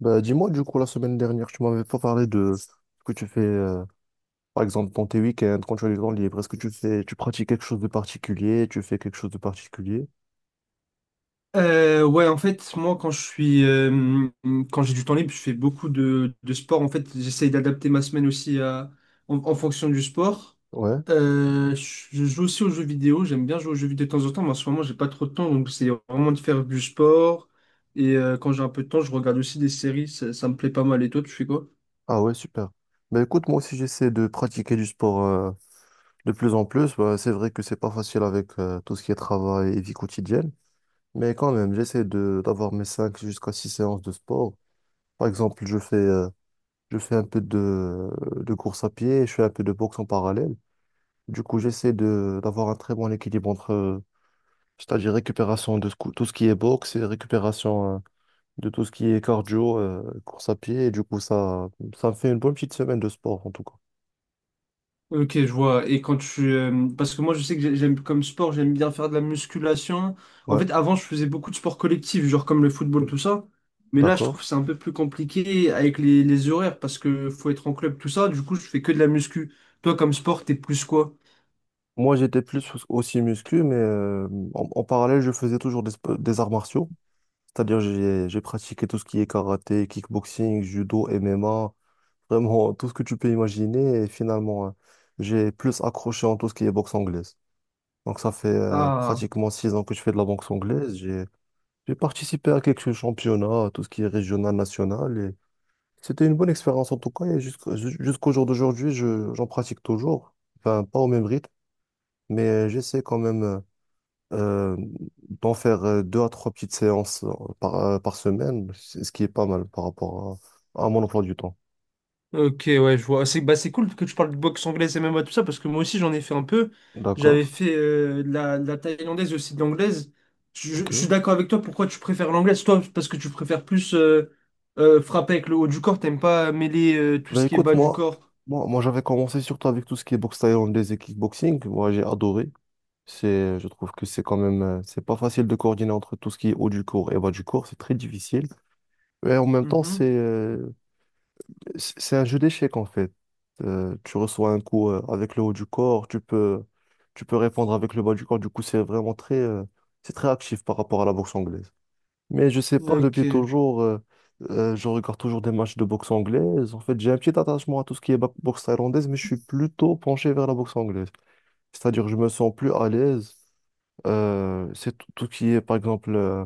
Bah, dis-moi, du coup, la semaine dernière, tu m'avais pas parlé de ce que tu fais, par exemple, dans tes week-ends, quand tu as du temps libre. Est-ce que tu fais, tu pratiques quelque chose de particulier? Tu fais quelque chose de particulier? Ouais, en fait, moi, quand je suis, quand j'ai du temps libre, je fais beaucoup de sport. En fait, j'essaye d'adapter ma semaine aussi à, en fonction du sport. Ouais. Je joue aussi aux jeux vidéo. J'aime bien jouer aux jeux vidéo de temps en temps, mais en ce moment, j'ai pas trop de temps, donc c'est vraiment de faire du sport. Et quand j'ai un peu de temps, je regarde aussi des séries. Ça me plaît pas mal. Et toi, tu fais quoi? Ah ouais, super. Bah, écoute, moi aussi, j'essaie de pratiquer du sport, de plus en plus. Bah, c'est vrai que c'est pas facile avec, tout ce qui est travail et vie quotidienne. Mais quand même, j'essaie d'avoir mes 5 jusqu'à 6 séances de sport. Par exemple, je fais un peu de course à pied, je fais un peu de boxe en parallèle. Du coup, j'essaie de d'avoir un très bon équilibre entre, c'est-à-dire récupération tout ce qui est boxe et récupération de tout ce qui est cardio, course à pied. Et du coup, ça me fait une bonne petite semaine de sport, en tout cas. Ok, je vois. Et quand tu... parce que moi, je sais que j'aime comme sport, j'aime bien faire de la musculation. En Ouais, fait, avant, je faisais beaucoup de sports collectifs, genre comme le football, tout ça. Mais là, je trouve que d'accord. c'est un peu plus compliqué avec les horaires parce que faut être en club, tout ça. Du coup, je fais que de la muscu. Toi, comme sport, t'es plus quoi? Moi, j'étais plus aussi muscu, mais en parallèle, je faisais toujours des arts martiaux. C'est-à-dire, j'ai pratiqué tout ce qui est karaté, kickboxing, judo, MMA, vraiment tout ce que tu peux imaginer. Et finalement, j'ai plus accroché en tout ce qui est boxe anglaise. Donc ça fait Ah. pratiquement 6 ans que je fais de la boxe anglaise. J'ai participé à quelques championnats, tout ce qui est régional, national. Et c'était une bonne expérience en tout cas. Et jusqu'au jour d'aujourd'hui, j'en pratique toujours. Enfin, pas au même rythme, mais j'essaie quand même euh, d'en faire deux à trois petites séances par semaine, ce qui est pas mal par rapport à mon emploi du temps. Ok, ouais, je vois. C'est bah, c'est cool que tu parles de boxe anglaise et même MMA, tout ça, parce que moi aussi j'en ai fait un peu. J'avais D'accord. fait de la thaïlandaise et aussi de l'anglaise. Je, je- Ok. je suis d'accord avec toi, pourquoi tu préfères l'anglaise? Toi, parce que tu préfères plus frapper avec le haut du corps, t'aimes pas mêler tout Ben ce qui est écoute, bas du moi, corps. moi, moi j'avais commencé surtout avec tout ce qui est boxe thaïlandaise et kickboxing. Moi, j'ai adoré. Je trouve que c'est quand même, c'est pas facile de coordonner entre tout ce qui est haut du cours et bas du cours, c'est très difficile. Et en même temps, Mhm. c'est un jeu d'échecs en fait. Tu reçois un coup avec le haut du corps, tu peux répondre avec le bas du corps. Du coup, c'est vraiment très, c'est très actif par rapport à la boxe anglaise. Mais je sais pas, Ok. depuis toujours, je regarde toujours des matchs de boxe anglaise. En fait, j'ai un petit attachement à tout ce qui est boxe thaïlandaise, mais je suis plutôt penché vers la boxe anglaise. C'est-à-dire, je me sens plus à l'aise. C'est tout, tout ce qui est, par exemple,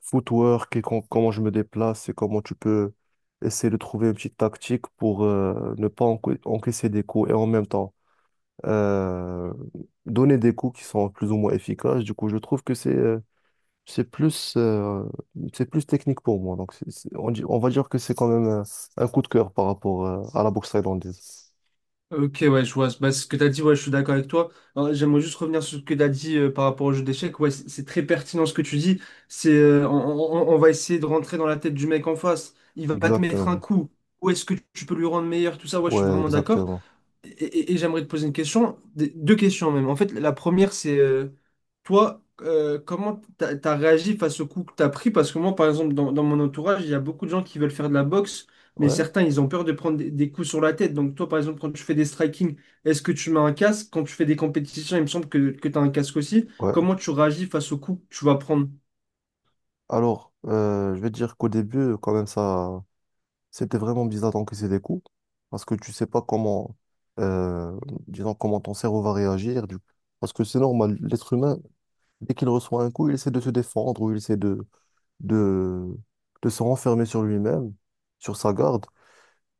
footwork et comment je me déplace et comment tu peux essayer de trouver une petite tactique pour ne pas encaisser des coups et en même temps euh, donner des coups qui sont plus ou moins efficaces. Du coup, je trouve que c'est plus, euh, c'est plus technique pour moi. Donc, on va dire que c'est quand même un coup de cœur par rapport à la boxe thaïlandaise. Ok, ouais, je vois. Bah, ce que tu as dit, ouais, je suis d'accord avec toi. Alors, j'aimerais juste revenir sur ce que tu as dit par rapport au jeu d'échecs. Ouais, c'est très pertinent ce que tu dis. C'est, on va essayer de rentrer dans la tête du mec en face. Il va te mettre un Exactement. coup. Où est-ce que tu peux lui rendre meilleur? Tout ça, ouais, je suis Ouais, vraiment d'accord. exactement. Et j'aimerais te poser une question, deux questions même. En fait, la première, c'est toi, comment t'as réagi face au coup que t'as pris? Parce que moi, par exemple, dans mon entourage, il y a beaucoup de gens qui veulent faire de la boxe, mais Ouais, certains, ils ont peur de prendre des coups sur la tête. Donc toi, par exemple, quand tu fais des striking, est-ce que tu mets un casque? Quand tu fais des compétitions, il me semble que tu as un casque aussi. ouais. Comment tu réagis face au coup que tu vas prendre? Alors, je vais dire qu'au début, quand même, ça, c'était vraiment bizarre d'encaisser des coups parce que tu sais pas comment, euh, disons, comment ton cerveau va réagir. Parce que c'est normal, l'être humain, dès qu'il reçoit un coup, il essaie de se défendre ou il essaie de, de se renfermer sur lui-même, sur sa garde.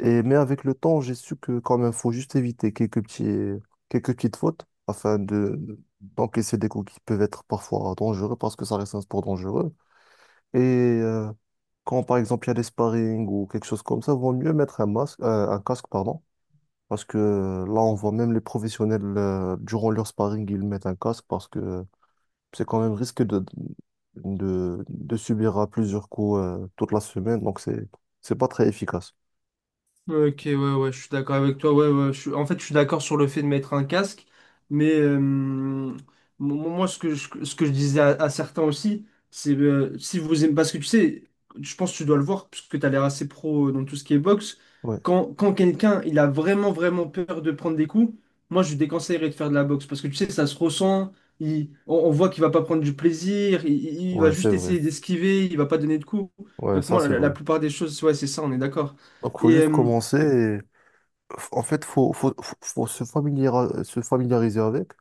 Mais avec le temps, j'ai su que quand même, faut juste éviter quelques petites fautes afin d'encaisser des coups qui peuvent être parfois dangereux parce que ça reste un sport dangereux. Et quand par exemple il y a des sparring ou quelque chose comme ça, vaut mieux mettre un masque, un casque, pardon, parce que là on voit même les professionnels durant leur sparring ils mettent un casque parce que c'est quand même risqué de subir à plusieurs coups toute la semaine, donc c'est pas très efficace. Ok, ouais, ouais, je suis d'accord avec toi. Ouais, ouais, je suis- En fait, je suis d'accord sur le fait de mettre un casque, mais moi, ce que ce que je disais à certains aussi, c'est si vous aimez, parce que tu sais, je pense que tu dois le voir, puisque tu as l'air assez pro dans tout ce qui est boxe. Ouais, Quand quelqu'un il a vraiment peur de prendre des coups, moi, je lui déconseillerais de faire de la boxe, parce que tu sais, ça se ressent, on voit qu'il va pas prendre du plaisir, il va ouais, c'est juste vrai. essayer d'esquiver, il va pas donner de coups. Ouais, Donc, ça moi, c'est la vrai. plupart des choses, ouais, c'est ça, on est d'accord. Donc faut Et, juste commencer et en fait faut se familiariser avec.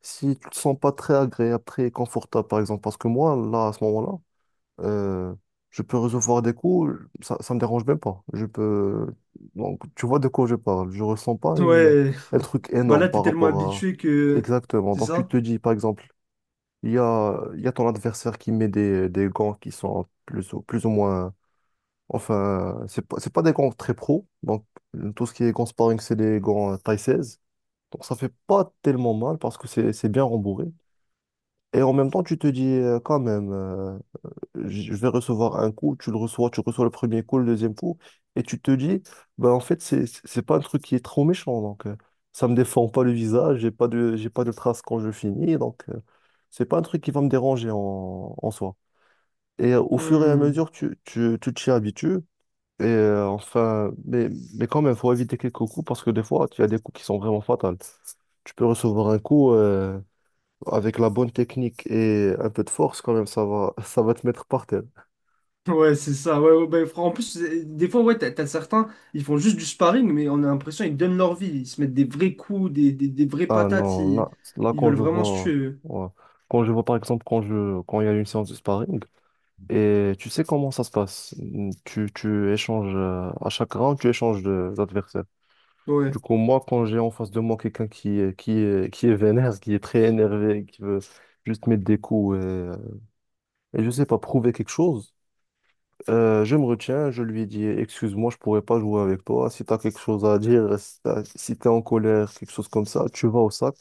Si tu te sens pas très agréable, très confortable par exemple, parce que moi là à ce moment-là, Euh, je peux recevoir des coups, ça me dérange même pas. Je peux. Donc, tu vois de quoi je parle. Je ressens pas ouais. un truc Bah énorme là, t'es par tellement rapport à. habitué que... Exactement. C'est Donc, tu ça? te dis, par exemple, il y a ton adversaire qui met des gants qui sont plus ou moins. Enfin, c'est pas des gants très pro. Donc, tout ce qui est gants sparring, c'est des gants taille 16. Donc, ça fait pas tellement mal parce que c'est bien rembourré. Et en même temps, tu te dis quand même, je vais recevoir un coup, tu le reçois, tu reçois le premier coup, le deuxième coup, et tu te dis, bah en fait, c'est pas un truc qui est trop méchant, donc ça me défend pas le visage, j'ai pas de traces quand je finis, donc c'est pas un truc qui va me déranger en soi. Et au fur et à Hmm. mesure, tu t'y habitues, et enfin, mais quand même, faut éviter quelques coups, parce que des fois, tu as des coups qui sont vraiment fatals. Tu peux recevoir un coup, avec la bonne technique et un peu de force, quand même, ça va, ça va te mettre par terre. Ouais, c'est ça. Ouais, ouais, bah, en plus, c'est- des fois, ouais, t'as certains, ils font juste du sparring, mais on a l'impression qu'ils donnent leur vie. Ils se mettent des vrais coups, des vraies Ah patates. non, là, Ils, là, ils quand veulent je vraiment se vois, tuer. Eux. ouais. Quand je vois par exemple quand il y a une séance de sparring et tu sais comment ça se passe. Tu échanges à chaque round, tu échanges d'adversaire. Du Ouais. coup, moi quand j'ai en face de moi quelqu'un qui est vénère, qui est très énervé, qui veut juste mettre des coups et je sais pas prouver quelque chose, je me retiens, je lui dis excuse-moi, je pourrais pas jouer avec toi. Si tu as quelque chose à dire, si tu es en colère, quelque chose comme ça, tu vas au sac.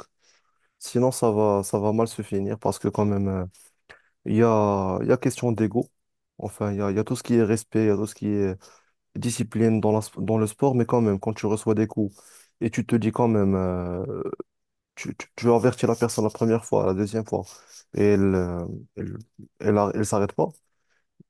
Sinon, ça va mal se finir parce que quand même, il y a question d'ego. Enfin, il y a tout ce qui est respect, il y a tout ce qui est discipline dans le sport, mais quand même, quand tu reçois des coups et tu te dis quand même, tu avertis la personne la première fois, la deuxième fois, et elle, elle s'arrête pas,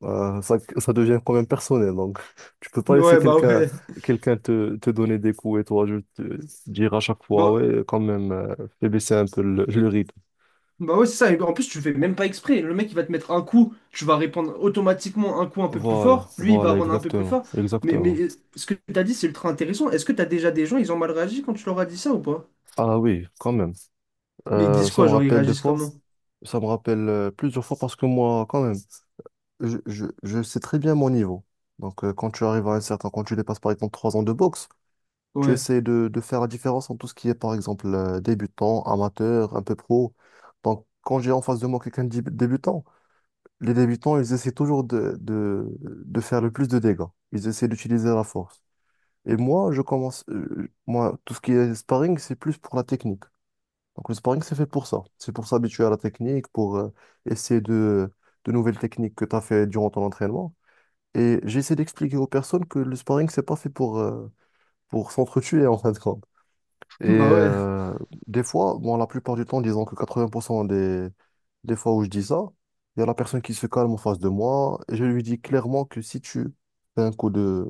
ça, ça devient quand même personnel. Donc, tu peux pas laisser Ouais, bah quelqu'un ouais. quelqu'un te donner des coups et toi, je te dire à chaque fois, Bah, ouais, quand même, fais baisser un peu le rythme. bah ouais, c'est ça. Et en plus, tu fais même pas exprès. Le mec, il va te mettre un coup, tu vas répondre automatiquement un coup un peu plus Voilà, fort. Lui, il va voilà, rendre un peu plus exactement, fort. Mais exactement. Ce que t'as dit, c'est ultra intéressant. Est-ce que t'as déjà des gens, ils ont mal réagi quand tu leur as dit ça ou pas? Ah oui, quand même. Mais ils Euh, disent ça quoi? me Genre, ils rappelle des réagissent fois, comment? ça me rappelle plusieurs fois parce que moi, quand même, je sais très bien mon niveau. Donc, quand tu arrives quand tu dépasses par exemple 3 ans de boxe, tu Ouais. essaies de faire la différence entre tout ce qui est par exemple débutant, amateur, un peu pro. Donc, quand j'ai en face de moi quelqu'un de débutant, les débutants, ils essaient toujours de faire le plus de dégâts. Ils essaient d'utiliser la force. Et moi, moi, tout ce qui est sparring, c'est plus pour la technique. Donc, le sparring, c'est fait pour ça. C'est pour s'habituer à la technique, pour essayer de nouvelles techniques que tu as fait durant ton entraînement. Et j'essaie d'expliquer aux personnes que le sparring, c'est pas fait pour s'entretuer, en fin de compte. Et Bah ouais. Des fois, bon, la plupart du temps, disons que 80% des fois où je dis ça, il y a la personne qui se calme en face de moi et je lui dis clairement que si tu fais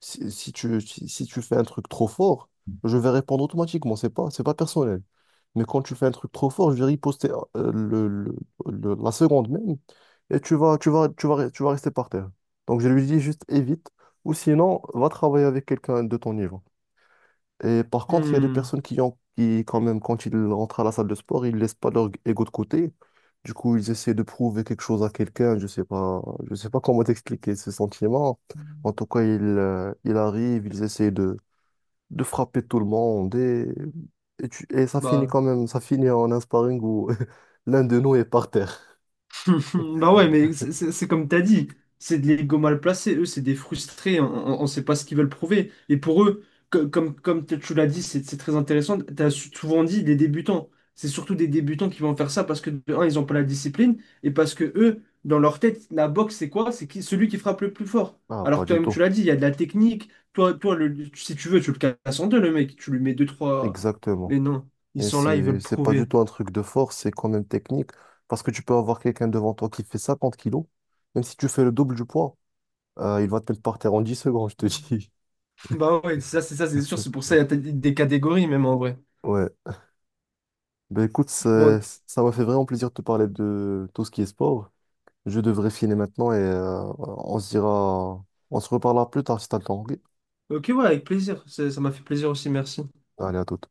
si, si tu fais un truc trop fort, je vais répondre automatiquement. C'est pas personnel. Mais quand tu fais un truc trop fort, je vais riposter euh, le, le- la seconde même et tu vas rester par terre. Donc je lui dis juste évite ou sinon va travailler avec quelqu'un de ton niveau. Et par contre, il y a des Hmm. personnes quand même, quand ils rentrent à la salle de sport, ils laissent pas leur ego de côté. Du coup, ils essaient de prouver quelque chose à quelqu'un. Je sais pas comment t'expliquer ce sentiment. En tout cas, ils arrivent, ils essaient de frapper tout le monde et ça finit Bah. quand même, ça finit en un sparring où l'un de nous est par terre. Bah ouais, mais c'est comme t'as dit, c'est des l'ego mal placés, eux, c'est des frustrés, on, ne sait pas ce qu'ils veulent prouver. Et pour eux, comme tu l'as dit, c'est très intéressant, souvent dit des débutants. C'est surtout des débutants qui vont faire ça parce que, de un, ils n'ont pas la discipline, et parce que eux, dans leur tête, la boxe, c'est quoi? C'est qui, celui qui frappe le plus fort. Ah, Alors pas que du toi-même, tu tout. l'as dit, il y a de la technique, toi, si tu veux, tu le casses en deux, le mec, tu lui mets deux, trois... Exactement. Mais non, ils Et sont là, ils c'est, veulent c'est pas du prouver. tout un truc de force, c'est quand même technique. Parce que tu peux avoir quelqu'un devant toi qui fait 50 kilos, même si tu fais le double du poids, il va te mettre par terre en 10 secondes, je te dis. Bah ouais, ça c'est sûr, c'est pour ça il y a des catégories même en vrai. Ouais. Ben écoute, Bon, ça m'a fait vraiment plaisir de te parler de tout ce qui est sport. Je devrais filer maintenant et on se reparlera plus tard si t'as le temps. Ok. ok ouais, avec plaisir, ça m'a fait plaisir aussi, merci. Allez, à toute.